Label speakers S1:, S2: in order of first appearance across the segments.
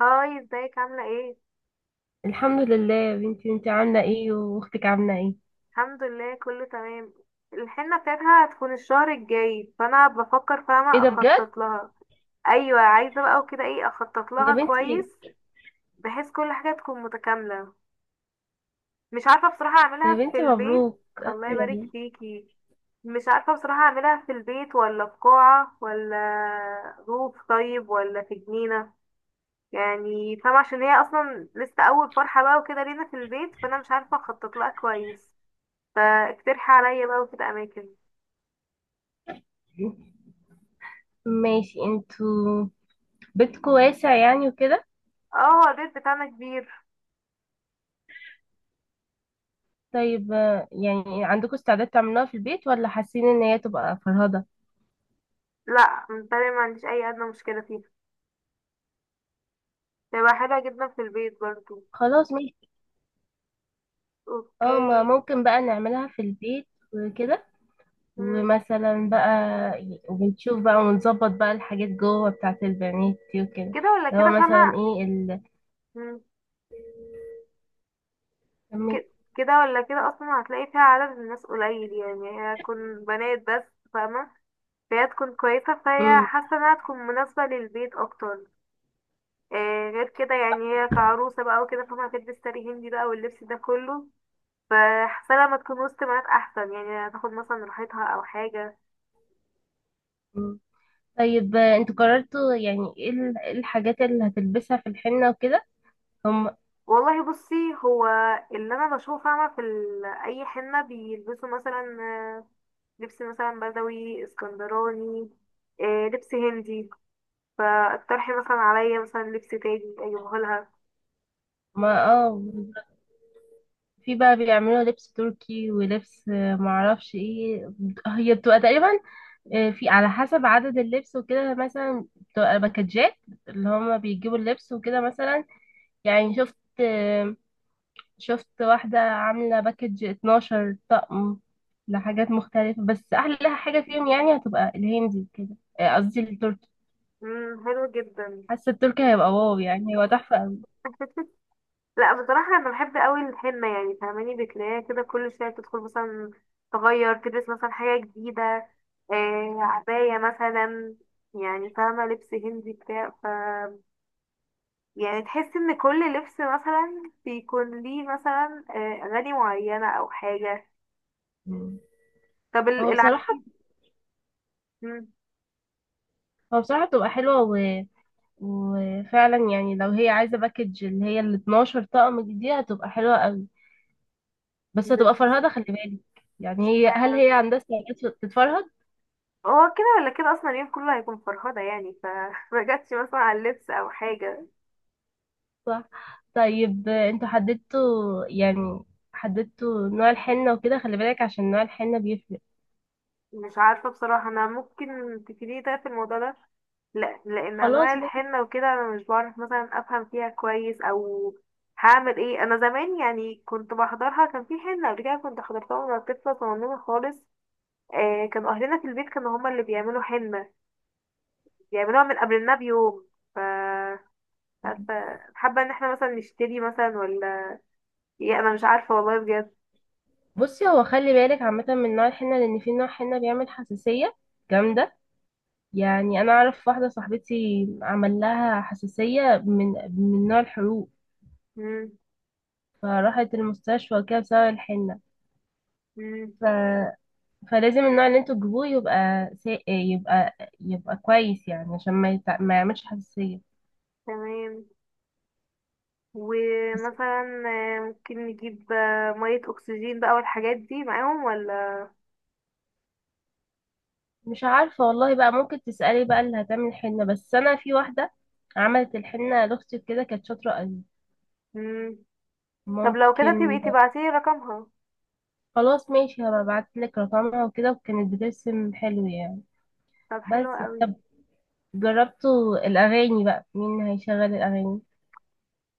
S1: هاي، ازيك عاملة ايه؟
S2: الحمد لله يا بنتي، انت عامله ايه؟ واختك عامله ايه؟
S1: الحمد لله، كله تمام. الحنة بتاعتها هتكون الشهر الجاي، فانا بفكر
S2: ايه
S1: فاهمة
S2: ده بجد؟
S1: اخطط لها. ايوه، عايزة بقى وكده ايه اخطط
S2: يا
S1: لها
S2: بنتي.
S1: كويس، بحيث كل حاجة تكون متكاملة. مش عارفة بصراحة
S2: يا
S1: اعملها في
S2: بنتي
S1: البيت.
S2: مبروك.
S1: الله يبارك فيكي. مش عارفة بصراحة اعملها في البيت، ولا في قاعة، ولا روف طيب، ولا في جنينة. يعني فاهمة، عشان هي اصلا لسه اول فرحة بقى وكده لينا في البيت، فانا مش عارفة اخطط لها كويس. فاقترحي عليا بقى وكده اماكن.
S2: ماشي، انتوا بيتكم واسع يعني وكده.
S1: اه، هو البيت بتاعنا كبير.
S2: طيب يعني عندكم استعداد تعملوها في البيت، ولا حاسين ان هي تبقى فرهضه؟
S1: لا، متهيألي ما عنديش اي ادنى مشكله فيه. تبقى حلوه جدا في البيت برضو.
S2: خلاص ماشي. اه ما
S1: اوكي.
S2: ممكن بقى نعملها في البيت وكده
S1: مم.
S2: ومثلا بقى. وبنشوف بقى ونظبط بقى الحاجات جوه بتاعت البنات دي وكده.
S1: كده ولا
S2: اللي هو
S1: كده، فاهمه.
S2: مثلا ايه
S1: مم. ك- كده ولا كده اصلا هتلاقي فيها عدد الناس قليل، يعني هي هتكون بنات بس، فاهمه. فهي تكون كويسه، فهي حاسه انها تكون مناسبه للبيت اكتر. آه، غير كده يعني هي كعروسه بقى وكده، فاهمه، هتلبس ساري هندي بقى واللبس ده كله. فاحسن لما تكون وسط بنات احسن، يعني هتاخد مثلا راحتها او حاجه.
S2: مم. طيب انتوا قررتوا، يعني ايه إيه الحاجات اللي هتلبسها في الحنة وكده؟ هم
S1: والله بصي. هو اللي انا بشوفه، فاهمه، في اي حنه بيلبسوا مثلا لبس مثلا بدوي اسكندراني، لبس هندي. فاقترحي مثلا عليا مثلا لبس تاني اجيبه لها.
S2: ما اه، في بقى بيعملوا لبس تركي ولبس معرفش ايه. هي بتبقى تقريبا في على حسب عدد اللبس وكده، مثلا بتبقى باكجات اللي هم بيجيبوا اللبس وكده مثلا. يعني شفت، شفت واحدة عاملة باكج 12 طقم لحاجات مختلفة، بس أحلى حاجة فيهم يعني هتبقى الهندي كده، قصدي التركي.
S1: مم، حلو جدا.
S2: حاسه التركي هيبقى واو، يعني هو تحفه قوي.
S1: لا، بصراحة أنا بحب أوي الحنة، يعني فاهماني بتلاقيها كده كل شوية بتدخل مثلا تغير تلبس مثلا حاجة جديدة، آه عباية مثلا. يعني فاهمة، لبس هندي بتاع يعني تحس إن كل لبس مثلا بيكون ليه مثلا أغاني معينة أو حاجة.
S2: مم.
S1: طب
S2: هو بصراحه
S1: العفيف. مم.
S2: هو بصراحه بتبقى حلوه وفعلا يعني لو هي عايزه باكج اللي هي ال 12 طقم دي هتبقى حلوه قوي، بس هتبقى
S1: بس-
S2: فرهده خلي بالك. يعني هل
S1: اشمعنى؟
S2: هي عندها استعداد تتفرهد؟
S1: هو كده ولا كده أصلا اليوم كله هيكون فرهدة، يعني فمجتش مثلا على اللبس أو حاجة.
S2: صح. طيب انتوا حددتوا، يعني حددتوا نوع الحنه وكده، خلي بالك عشان نوع الحنه بيفرق.
S1: مش عارفة بصراحة، أنا ممكن تفيديني طيب في الموضوع ده. لا، لأن أنواع
S2: خلاص ماشي.
S1: الحنة وكده أنا مش بعرف مثلا أفهم فيها كويس أو هعمل ايه. أنا زمان يعني كنت بحضرها، كان في حنة قبل كده كنت حضرتها وأنا طفلة صغنونة خالص. آه، كان أهلنا في البيت كانوا هما اللي بيعملوا حنة، بيعملوها من قبلنا بيوم. ف مش عارفة، حابة إن احنا مثلا نشتري مثلا ولا ايه. أنا مش عارفة والله بجد.
S2: بصي، هو خلي بالك عامه من نوع الحنه، لان في نوع حنه بيعمل حساسيه جامده. يعني انا اعرف واحده صاحبتي عمل لها حساسيه من نوع الحروق،
S1: مم.
S2: فراحت المستشفى وكده بسبب الحنه.
S1: مم.
S2: ف... فلازم النوع اللي انتوا تجيبوه يبقى يبقى كويس، يعني عشان ما، ما يعملش حساسيه.
S1: تمام.
S2: بس
S1: ومثلا ممكن نجيب مية أكسجين بقى والحاجات دي معاهم ولا.
S2: مش عارفه والله بقى، ممكن تسالي بقى اللي هتعمل حنه. بس انا في واحده عملت الحنه لاختي كده، كانت شاطره قوي.
S1: مم. طب لو كده، تبقي
S2: ممكن.
S1: تبعتيلي رقمها.
S2: خلاص ماشي، هبقى ابعتلك رقمها وكده، وكانت بترسم حلو يعني.
S1: طب حلو
S2: بس
S1: قوي.
S2: طب جربتوا الأغاني بقى؟ مين هيشغل الأغاني؟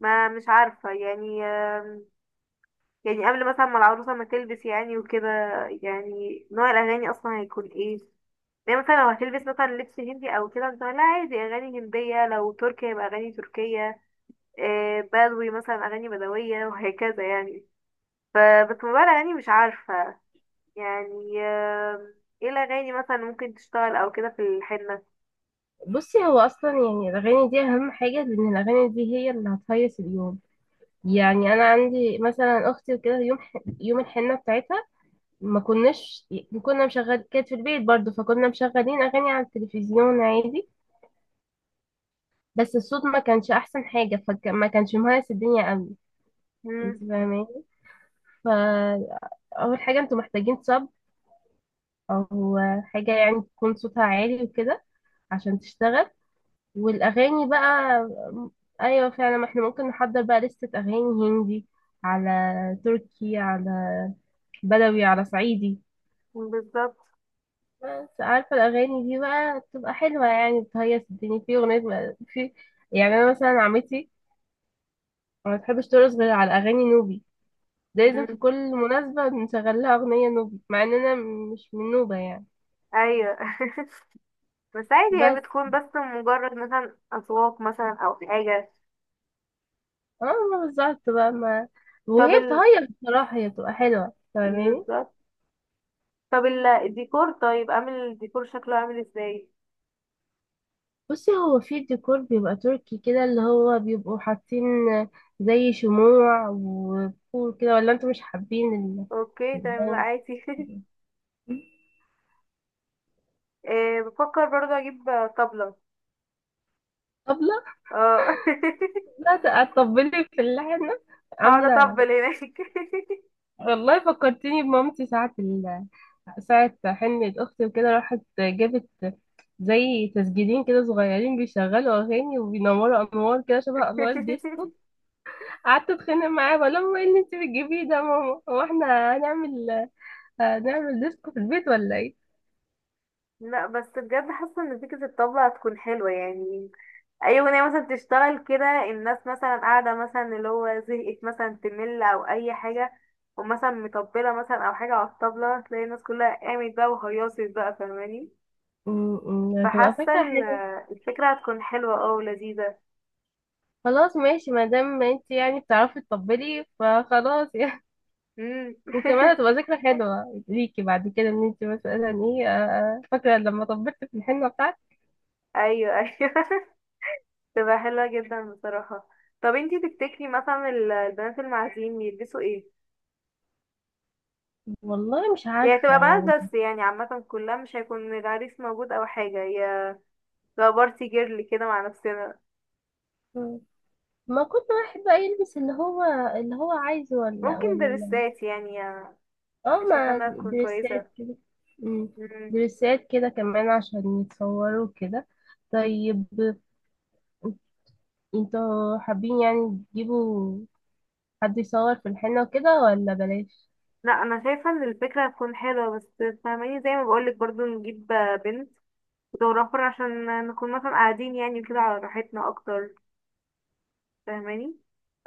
S1: ما مش عارفة يعني يعني قبل مثلا ما العروسة ما تلبس يعني وكده، يعني نوع الأغاني أصلا هيكون ايه. يعني مثلا لو هتلبس مثلا لبس هندي أو كده مثلا، لا عادي أغاني هندية، لو تركي يبقى أغاني تركية، بدوي مثلا أغاني بدوية وهكذا يعني. فبس موضوع الأغاني مش عارفة يعني ايه الاغاني مثلا ممكن تشتغل او كده في الحنه.
S2: بصي، هو أصلا يعني الأغاني دي أهم حاجة، لأن الأغاني دي هي اللي هتهيص اليوم. يعني أنا عندي مثلا أختي وكده، يوم يوم الحنة بتاعتها، ما كنا مشغل كانت في البيت برضه، فكنا مشغلين أغاني على التلفزيون عادي، بس الصوت ما كانش أحسن حاجة، فما كانش مهيص الدنيا أوي. أنت
S1: مم،
S2: فاهماني؟ فأول حاجة أنتوا محتاجين صب أو حاجة، يعني تكون صوتها عالي وكده عشان تشتغل. والاغاني بقى، ايوه فعلا، ما احنا ممكن نحضر بقى لستة اغاني، هندي على تركي على بدوي على صعيدي.
S1: بالظبط.
S2: بس عارفة الاغاني دي بقى بتبقى حلوة يعني، بتهيص الدنيا. في اغنية بقى. يعني انا مثلا عمتي ما بتحبش ترقص غير على اغاني نوبي، ده لازم في
S1: مم،
S2: كل مناسبة نشغل لها اغنية نوبي مع ان انا مش من نوبة يعني.
S1: ايوه. بس عادي،
S2: بس
S1: هي بتكون بس مجرد مثلا اذواق مثلا او حاجه.
S2: اه ما بالظبط بقى، ما
S1: طب
S2: وهي بتهيص بصراحة، هي بتبقى حلوة فاهماني.
S1: بالظبط. طب الديكور. طيب عامل الديكور شكله عامل ازاي؟
S2: بصي، هو في ديكور بيبقى تركي كده، اللي هو بيبقوا حاطين زي شموع وبخور كده. ولا انتوا مش حابين
S1: اوكي تمام، لا
S2: الجو؟
S1: عادي. إيه، بفكر برضه اجيب طبلة.
S2: طبلة؟
S1: اه.
S2: لا، تطبلي في اللحنة؟
S1: هقعد
S2: عاملة،
S1: اطبل هناك.
S2: والله فكرتيني بمامتي ساعة ساعة حنة أختي وكده، راحت جابت زي تسجيلين كده صغيرين بيشغلوا أغاني، وبينوروا أنوار كده شبه أنوار ديسكو. قعدت أتخانق معاها بقول لها: ماما، ايه اللي انت بتجيبيه ده يا ماما؟ هو احنا هنعمل ديسكو في البيت ولا ايه؟
S1: لا بس بجد حاسه ان فكره الطبلة هتكون حلوه، يعني اي اغنيه مثلا تشتغل كده، الناس مثلا قاعده مثلا، اللي هو زهقت مثلا تمل او اي حاجه، ومثلا مطبله مثلا او حاجه على الطبله، تلاقي الناس كلها قامت بقى وهيصت بقى، فاهماني.
S2: م- م، هتبقى
S1: فحاسه
S2: فكرة حلوة.
S1: الفكره هتكون حلوه ولذيذه.
S2: خلاص ماشي، ما دام انت يعني بتعرفي تطبلي فخلاص يعني.
S1: امم.
S2: وكمان هتبقى ذكرى حلوة ليكي بعد كده، ان انت مثلا ايه، فاكرة لما طبلت في الحنة بتاعتك.
S1: ايوه ايوه. تبقى حلوه جدا بصراحه. طب انتي تفتكري مثلا البنات المعازيم يلبسوا ايه؟
S2: والله مش
S1: يعني
S2: عارفة
S1: تبقى بنات
S2: يعني.
S1: بس يعني عامه كلها، مش هيكون العريس موجود او حاجه، هي تبقى بارتي جيرل كده مع نفسنا.
S2: مم. ما كنت واحد بقى يلبس اللي هو عايزه، ولا
S1: ممكن
S2: ولا
S1: درسات، يعني انا
S2: اه.
S1: شايفه
S2: ما
S1: انها تكون كويسه.
S2: دريسات كده. مم.
S1: مم.
S2: دريسات كده كمان عشان يتصوروا كده. طيب انتوا حابين يعني تجيبوا حد يصور في الحنة وكده ولا بلاش؟
S1: لا، انا شايفه ان الفكره هتكون حلوه، بس فاهماني زي ما بقولك برضو نجيب بنت فوتوغرافر، عشان نكون مثلا قاعدين يعني كده على راحتنا اكتر، فاهماني.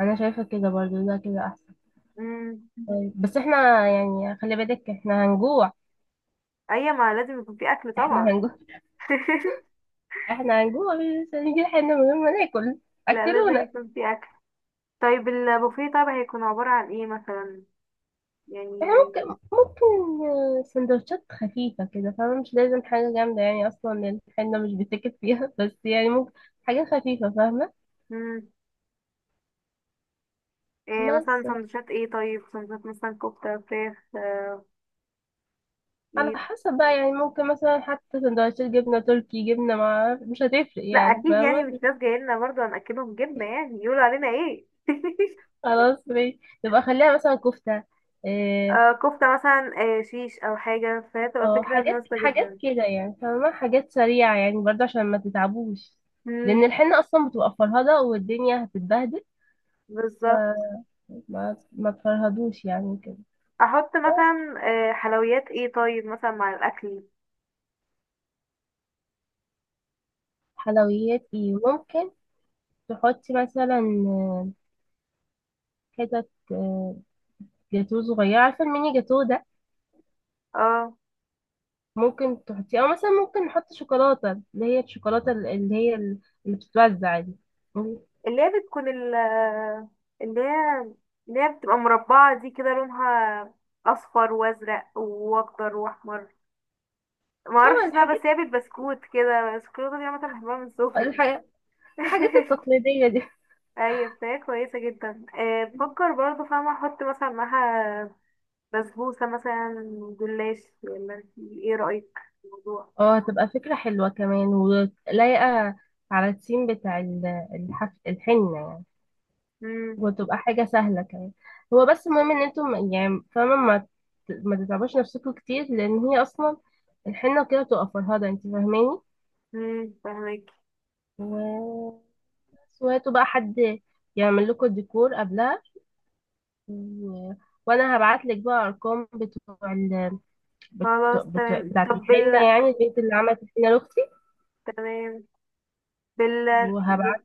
S2: انا شايفة كده برضو، ده كده احسن.
S1: مم.
S2: طيب بس احنا يعني خلي بالك، احنا هنجوع.
S1: ايوه، ما لازم يكون في اكل
S2: احنا
S1: طبعا.
S2: هنجوع. احنا هنجوع، مش هنجيب حنة من غير ما ناكل.
S1: لا، لازم
S2: اكلونا.
S1: يكون في اكل. طيب البوفيه طبعا هيكون عباره عن ايه مثلا،
S2: احنا
S1: يعني.
S2: ممكن، ممكن سندوتشات خفيفة كده فاهمة، مش لازم حاجة جامدة، يعني اصلا الحنة مش بتكت فيها. بس يعني ممكن حاجة خفيفة فاهمة.
S1: مم. إيه
S2: بس
S1: مثلا سندوتشات ايه طيب، سندوتشات مثلا كفته فراخ
S2: على
S1: ايه.
S2: حسب بقى، يعني ممكن مثلا حتى سندوتشات جبنة تركي، جبنة مع مش هتفرق
S1: لا
S2: يعني
S1: اكيد، يعني مش
S2: فاهمة.
S1: ناس جايه لنا برضه هناكلهم جبنه، يعني يقولوا علينا ايه.
S2: خلاص ماشي، يبقى خليها مثلا كفتة. إيه،
S1: آه كفته مثلا، آه شيش او حاجه، فهي تبقى
S2: اه،
S1: فكره
S2: حاجات
S1: مناسبه
S2: حاجات
S1: جدا.
S2: كده يعني فاهمة، حاجات سريعة يعني برضه عشان ما تتعبوش،
S1: امم.
S2: لأن الحنة أصلا بتبقى فرهدة والدنيا هتتبهدل،
S1: بالظبط.
S2: فما ما تفرهدوش يعني كده.
S1: احط
S2: بس
S1: مثلا حلويات ايه طيب مثلا مع الاكل.
S2: حلويات ايه؟ ممكن تحطي مثلا آه، حتت جاتوه صغيرة، عارفة الميني جاتوه ده؟
S1: اه،
S2: ممكن تحطيه، او مثلا ممكن نحط شوكولاته اللي هي الشوكولاته اللي هي اللي بتتوزع دي. اه،
S1: اللي هي بتكون اللي هي اللي هي بتبقى مربعه دي كده، لونها اصفر وازرق واخضر واحمر. ما اعرفش اسمها،
S2: الحاجات
S1: بس هي بالبسكوت كده الشوكولاته دي عامه، بحبها من صوفي.
S2: الحاجات الحاجات التقليديه دي.
S1: ايوه بتاعي كويسه جدا، بفكر برضه فاهمه احط مثلا معاها بسبوسه مثلا، جلاش. ولا انتي ايه رايك في الموضوع؟
S2: اه هتبقى فكره حلوه كمان، ولايقه على التيم بتاع الحنه يعني.
S1: امم.
S2: وتبقى حاجه سهله كمان. هو بس المهم ان انتم يعني فاهمه ما تتعبوش نفسكم كتير، لان هي اصلا الحنه كده بتبقى فرهده انت فاهماني.
S1: فاهمك.
S2: و... وهاتوا بقى حد يعمل لكم الديكور قبلها. و- وانا هبعت لك بقى ارقام بتوع
S1: خلاص تمام.
S2: بتاعت
S1: طب
S2: الحنه، يعني البنت اللي عملت الحنه لاختي.
S1: تمام. بال بال-
S2: وهبعت.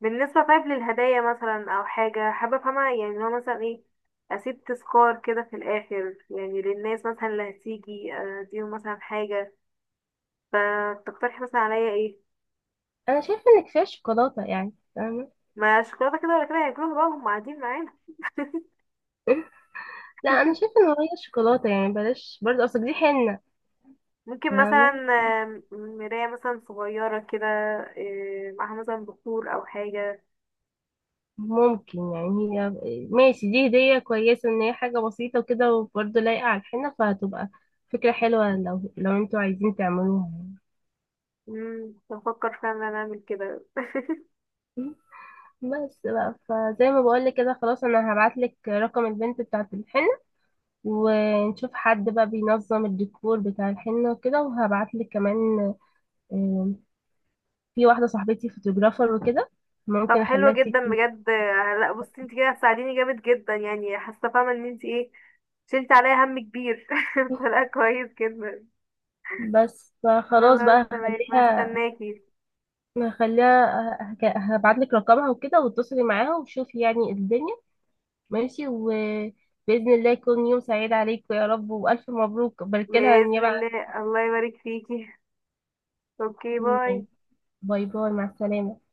S1: بالنسبه طيب للهدايا مثلا او حاجه، حابه افهمها يعني اللي هو مثلا ايه اسيب تذكار كده في الاخر يعني للناس مثلا اللي هتيجي، اديهم مثلا حاجه. فتقترحي مثلا عليا ايه؟
S2: انا شايفه انك فيها شوكولاته يعني فاهمه.
S1: ما شوكولاته كده ولا كده هياكلوها بقى، هم قاعدين معانا.
S2: لا انا شايفه ان هي شوكولاته يعني بلاش برضه، اصل دي حنه
S1: ممكن مثلا
S2: فاهمه.
S1: مراية مثلا صغيرة كده، معاها مثلا بخور أو حاجة.
S2: ممكن يعني هي، ماشي، دي هديه كويسه ان هي حاجه بسيطه وكده، وبرضه لايقه على الحنه، فهتبقى فكره حلوه لو انتوا عايزين تعملوها يعني.
S1: بفكر فعلا إن أنا أعمل كده.
S2: بس بقى، فزي ما بقول لك كده، خلاص انا هبعت لك رقم البنت بتاعت الحنه، ونشوف حد بقى بينظم الديكور بتاع الحنة وكده، وهبعتلك كمان آم، في واحدة صاحبتي فوتوغرافر وكده،
S1: طب
S2: ممكن
S1: حلو
S2: اخليها
S1: جدا
S2: تيجي.
S1: بجد، لا بصي انت كده هتساعديني جامد جدا، يعني حاسة فاهمة ان انت ايه شلت عليا هم كبير. فلا كويس جدا.
S2: بس فخلاص
S1: خلاص
S2: بقى
S1: تمام، هستناكي.
S2: هخليها، هبعت لك رقمها وكده، واتصلي معاها وشوفي يعني الدنيا. ماشي، وبإذن الله يكون يوم سعيد عليكم يا رب، وألف مبروك بارك لها
S1: بإذن
S2: النيابة عني.
S1: الله. الله يبارك فيكي. اوكي، باي.
S2: باي باي، مع السلامة.